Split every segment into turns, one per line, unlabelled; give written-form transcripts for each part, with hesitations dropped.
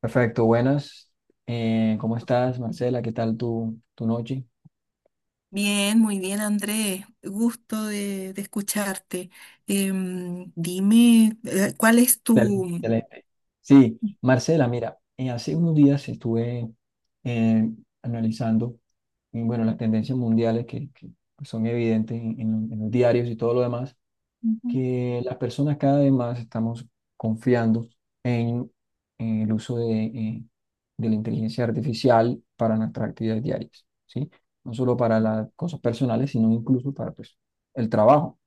Perfecto, buenas. ¿Cómo estás, Marcela? ¿Qué tal tu noche?
Bien, muy bien, Andrés. Gusto de escucharte. Dime, ¿cuál es
Excelente,
tu...
excelente. Sí, Marcela, mira, hace unos días estuve eh, analizando, y bueno, las tendencias mundiales que pues, son evidentes en los diarios y todo lo demás,
Ujú,
que las personas cada vez más estamos confiando en, en el uso de la inteligencia artificial para nuestras actividades diarias, ¿sí? No solo para las cosas personales, sino incluso para pues, el trabajo.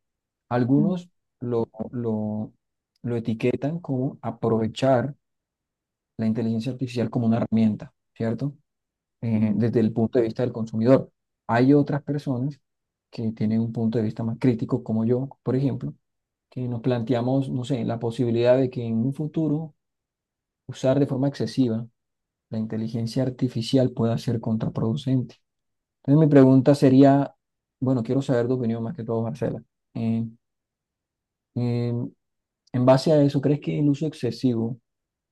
Algunos lo, lo, lo etiquetan como aprovechar la inteligencia artificial como una herramienta, ¿cierto?
ujú.
Desde el punto de vista del consumidor. Hay otras personas que tienen un punto de vista más crítico, como yo, por ejemplo, que nos planteamos, no sé, la posibilidad de que en un futuro usar de forma excesiva la inteligencia artificial pueda ser contraproducente. Entonces mi pregunta sería, bueno, quiero saber tu opinión más que todo, Marcela. Eh, eh, en base a eso, ¿crees que el uso excesivo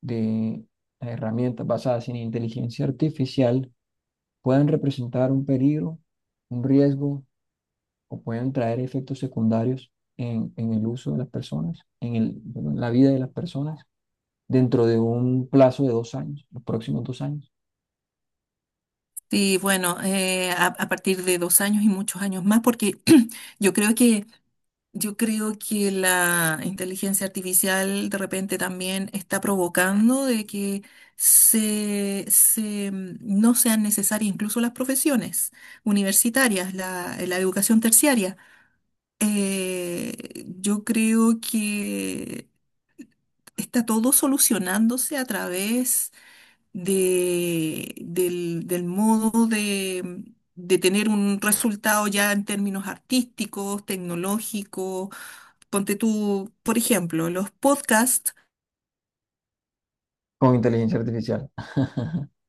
de herramientas basadas en inteligencia artificial puedan representar un peligro, un riesgo o pueden traer efectos secundarios en el uso de las personas, en la vida de las personas, dentro de un plazo de dos años, los próximos dos años,
Sí, bueno, a partir de dos años y muchos años más, porque yo creo que, yo creo que la inteligencia artificial de repente también está provocando de que se no sean necesarias incluso las profesiones universitarias, la educación terciaria. Yo creo que está todo solucionándose a través del modo de tener un resultado ya en términos artísticos, tecnológicos. Ponte tú, por ejemplo, los podcasts.
con inteligencia artificial?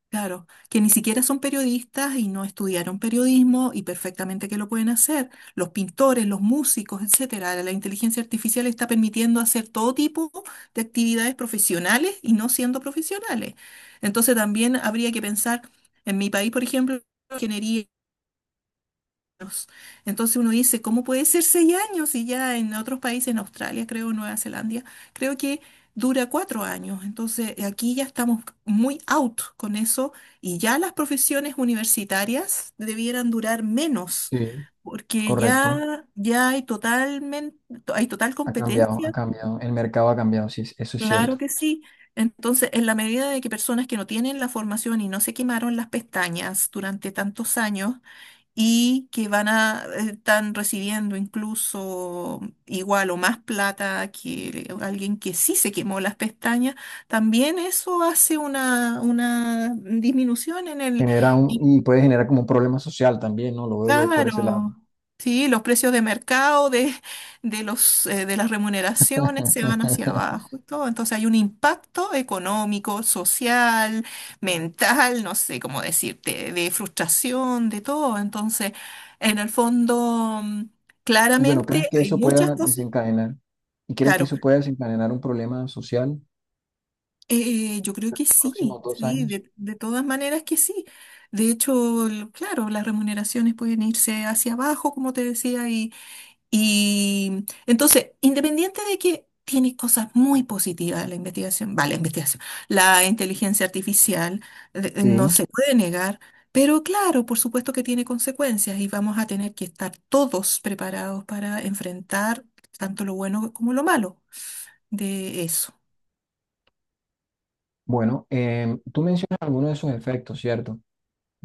Claro, que ni siquiera son periodistas y no estudiaron periodismo y perfectamente que lo pueden hacer. Los pintores, los músicos, etcétera. La inteligencia artificial está permitiendo hacer todo tipo de actividades profesionales y no siendo profesionales. Entonces también habría que pensar en mi país, por ejemplo, ingeniería años. Entonces uno dice, ¿cómo puede ser seis años? Y ya en otros países, en Australia, creo, Nueva Zelanda, creo que dura cuatro años. Entonces aquí ya estamos muy out con eso y ya las profesiones universitarias debieran durar menos,
Sí,
porque
correcto.
ya, ya hay totalmente, hay total
Ha cambiado, ha
competencia,
cambiado. El mercado ha cambiado, sí, eso es
claro
cierto.
que sí. Entonces, en la medida de que personas que no tienen la formación y no se quemaron las pestañas durante tantos años, y que van a, están recibiendo incluso igual o más plata que alguien que sí se quemó las pestañas, también eso hace una disminución en el.
Genera un, y puede generar como un problema social también, ¿no? Lo veo yo por ese lado.
Claro, sí, los precios de mercado de los, de las remuneraciones se van hacia abajo y todo. Entonces hay un impacto económico, social, mental, no sé cómo decirte, de frustración, de todo. Entonces, en el fondo,
Y bueno,
claramente
¿crees que
hay
eso
muchas
pueda
cosas.
desencadenar? ¿Y crees que
Claro,
eso pueda desencadenar un problema social
yo creo que
próximos
sí,
dos
sí,
años?
de todas maneras que sí. De hecho, claro, las remuneraciones pueden irse hacia abajo, como te decía. Y entonces, independiente de que tiene cosas muy positivas la investigación, vale, la investigación, la inteligencia artificial
Sí.
no se puede negar, pero claro, por supuesto que tiene consecuencias y vamos a tener que estar todos preparados para enfrentar tanto lo bueno como lo malo de eso.
Bueno, tú mencionas algunos de esos efectos, ¿cierto?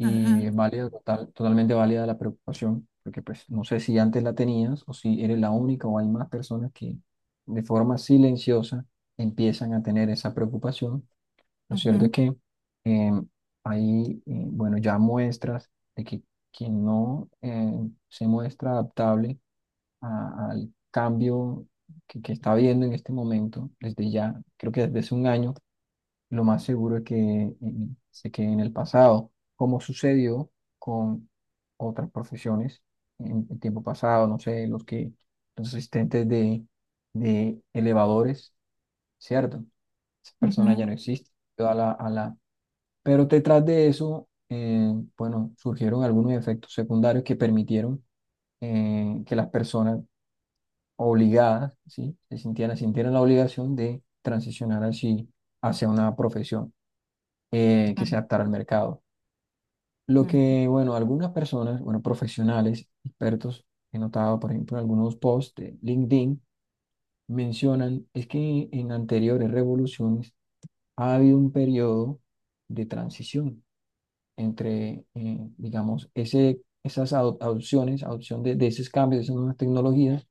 Ajá,
es válida, totalmente válida la preocupación, porque pues no sé si antes la tenías o si eres la única o hay más personas que de forma silenciosa empiezan a tener esa preocupación. Lo cierto es
ujú,
que eh, bueno, ya muestras de que quien no se muestra adaptable al cambio que está viendo en este momento, desde ya, creo que desde hace un año, lo más seguro es que se quede en el pasado, como sucedió con otras profesiones en el tiempo pasado, no sé, los asistentes de elevadores, ¿cierto? Esa persona
ujú,
ya no existe. Quedó a la, a la... Pero detrás de eso, bueno, surgieron algunos efectos secundarios que permitieron que las personas obligadas, ¿sí? Sintieran la obligación de transicionar así hacia una profesión que se
ujú,
adaptara al mercado. Lo que, bueno, algunas personas, bueno, profesionales, expertos, he notado, por ejemplo, en algunos posts de LinkedIn, mencionan es que en anteriores revoluciones ha habido un periodo de transición entre, digamos, esas adopciones, adopción de esos cambios, de esas nuevas tecnologías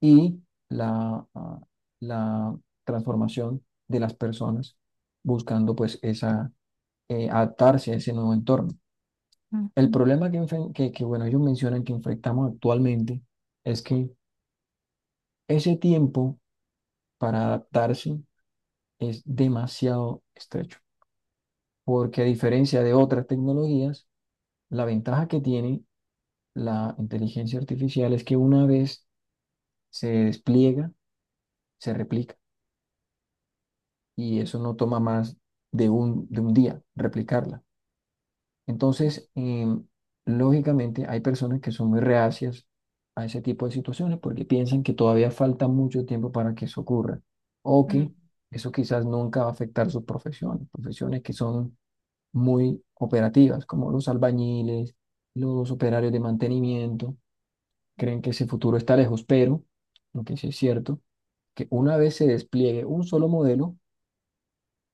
y la, ah, la transformación de las personas buscando pues esa, adaptarse a ese nuevo entorno.
ujú,
El
ujú.
problema que, enfren- que, bueno, ellos mencionan que enfrentamos actualmente es que ese tiempo para adaptarse es demasiado estrecho, porque a diferencia de otras tecnologías, la ventaja que tiene la inteligencia artificial es que una vez se despliega, se replica, y eso no toma más de un día replicarla. Entonces, lógicamente, hay personas que son muy reacias a ese tipo de situaciones porque piensan que todavía falta mucho tiempo para que eso ocurra o que eso quizás nunca va a afectar sus profesiones, profesiones que son muy operativas, como los albañiles, los operarios de mantenimiento, creen que ese futuro está lejos, pero lo que sí es cierto, que una vez se despliegue un solo modelo,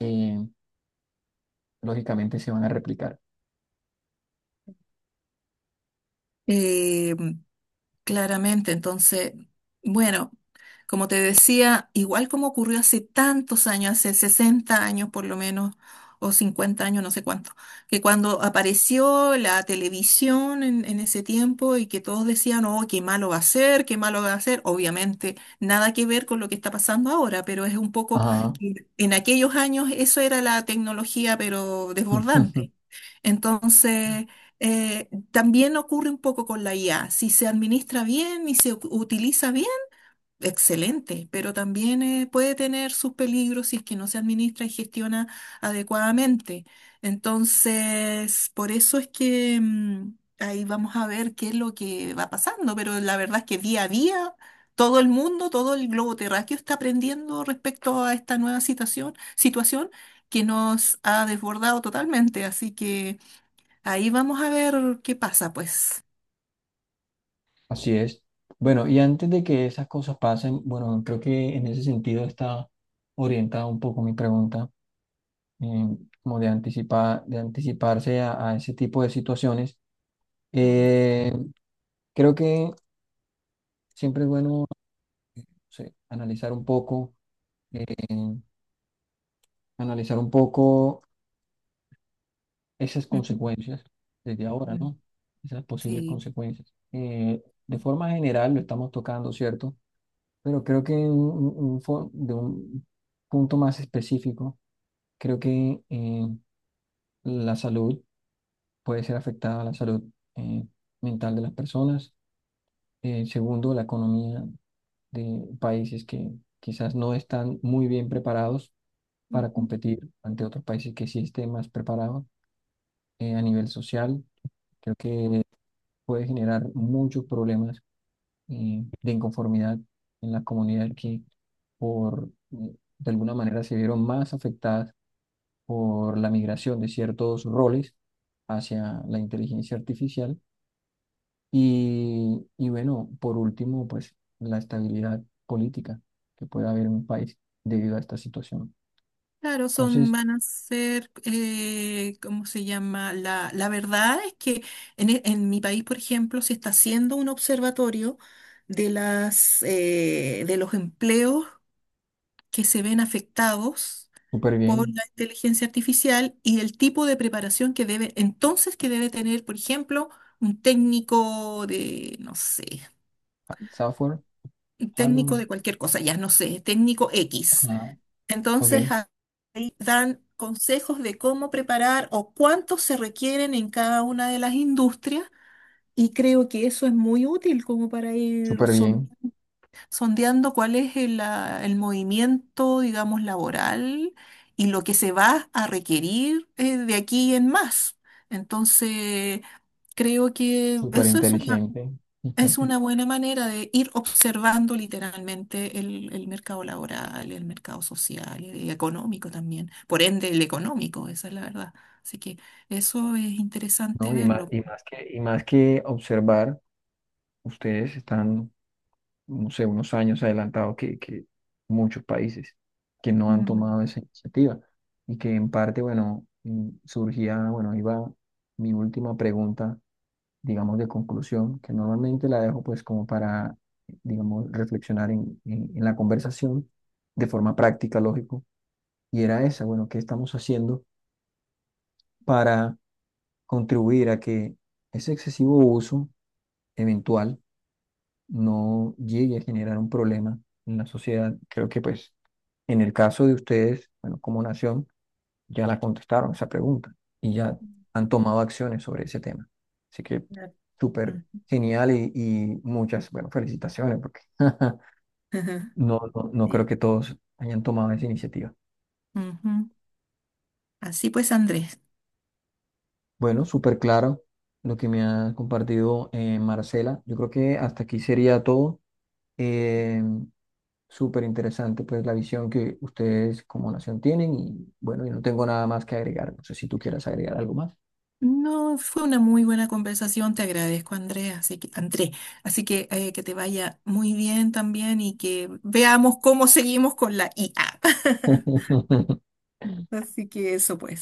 em, lógicamente se van a replicar.
Em, Claramente, entonces, bueno, como te decía, igual como ocurrió hace tantos años, hace 60 años por lo menos, o 50 años, no sé cuánto, que cuando apareció la televisión en ese tiempo y que todos decían, oh, qué malo va a ser, qué malo va a ser, obviamente nada que ver con lo que está pasando ahora, pero es un poco
Ajá.
que en aquellos años eso era la tecnología, pero desbordante. Entonces... eh, también ocurre un poco con la IA. Si se administra bien y se utiliza bien, excelente, pero también puede tener sus peligros si es que no se administra y gestiona adecuadamente. Entonces, por eso es que ahí vamos a ver qué es lo que va pasando, pero la verdad es que día a día todo el mundo, todo el globo terráqueo está aprendiendo respecto a esta nueva situación, situación que nos ha desbordado totalmente, así que... ahí vamos a ver qué pasa, pues.
Así es. Bueno, y antes de que esas cosas pasen, bueno, creo que en ese sentido está orientada un poco mi pregunta, eh, como de anticipar, de anticiparse a ese tipo de situaciones.
Mm,
Eh, Creo que siempre es bueno, no sé, analizar un poco, eh, analizar un poco esas
ujú,
consecuencias desde ahora,
mm.
¿no? Esas posibles
Sí.
consecuencias. De forma general lo estamos tocando, ¿cierto? Pero creo que en de un punto más específico, creo que la salud puede ser afectada, la salud eh, mental de las personas. Segundo, la economía de países que quizás no están muy bien preparados para
Mm.
competir ante otros países que sí estén más preparados. A nivel social, creo que puede generar muchos problemas de inconformidad en la comunidad que por, de alguna manera se vieron más afectadas por la migración de ciertos roles hacia la inteligencia artificial y bueno, por último, pues la estabilidad política que puede haber en un país debido a esta situación.
Claro, son,
Entonces,
van a ser, ¿cómo se llama? La verdad es que en, en mi país, por ejemplo, se está haciendo un observatorio de las, de los empleos que se ven afectados
súper
por
bien,
la inteligencia artificial y el tipo de preparación que debe, entonces que debe tener, por ejemplo, un técnico de, no sé,
ha- software,
un técnico
hardware,
de cualquier cosa, ya no sé, técnico X.
ajá, ok,
Entonces, ahí dan consejos de cómo preparar o cuántos se requieren en cada una de las industrias y creo que eso es muy útil como para ir
súper bien,
sondeando cuál es el, ah, el movimiento, digamos, laboral y lo que se va a requerir de aquí en más. Entonces, creo que
súper
eso
inteligente.
es una buena manera de ir observando literalmente el mercado laboral, el mercado social, el económico también, por ende el económico, esa es la verdad. Así que eso es interesante
¿No? Y más,
verlo.
y más que observar. Ustedes están, no sé, unos años adelantados que muchos países que no han
Mm.
tomado esa iniciativa y que en parte, bueno, surgía, bueno, iba mi última pregunta, digamos, de conclusión, que normalmente la dejo pues como para, digamos, reflexionar en, en la conversación de forma práctica, lógico, y era esa, bueno, ¿qué estamos haciendo para contribuir a que ese excesivo uso eventual no llegue a generar un problema en la sociedad? Creo que pues en el caso de ustedes, bueno, como nación, ya la contestaron esa pregunta y ya han tomado acciones sobre ese tema. Así que
Claro.
súper
Mm.
genial y muchas, bueno, felicitaciones porque
Ajá.
no, no, no creo
Sí.
que todos hayan tomado esa iniciativa.
Ujú. Así pues, Andrés.
Bueno, súper claro lo que me ha compartido Marcela. Yo creo que hasta aquí sería todo. Eh, Súper interesante, pues, la visión que ustedes como nación tienen y bueno, yo no tengo nada más que agregar. No sé si tú quieras agregar algo más.
No, fue una muy buena conversación, te agradezco, Andrés, así que te vaya muy bien también y que veamos cómo seguimos con la IA. Así que eso pues.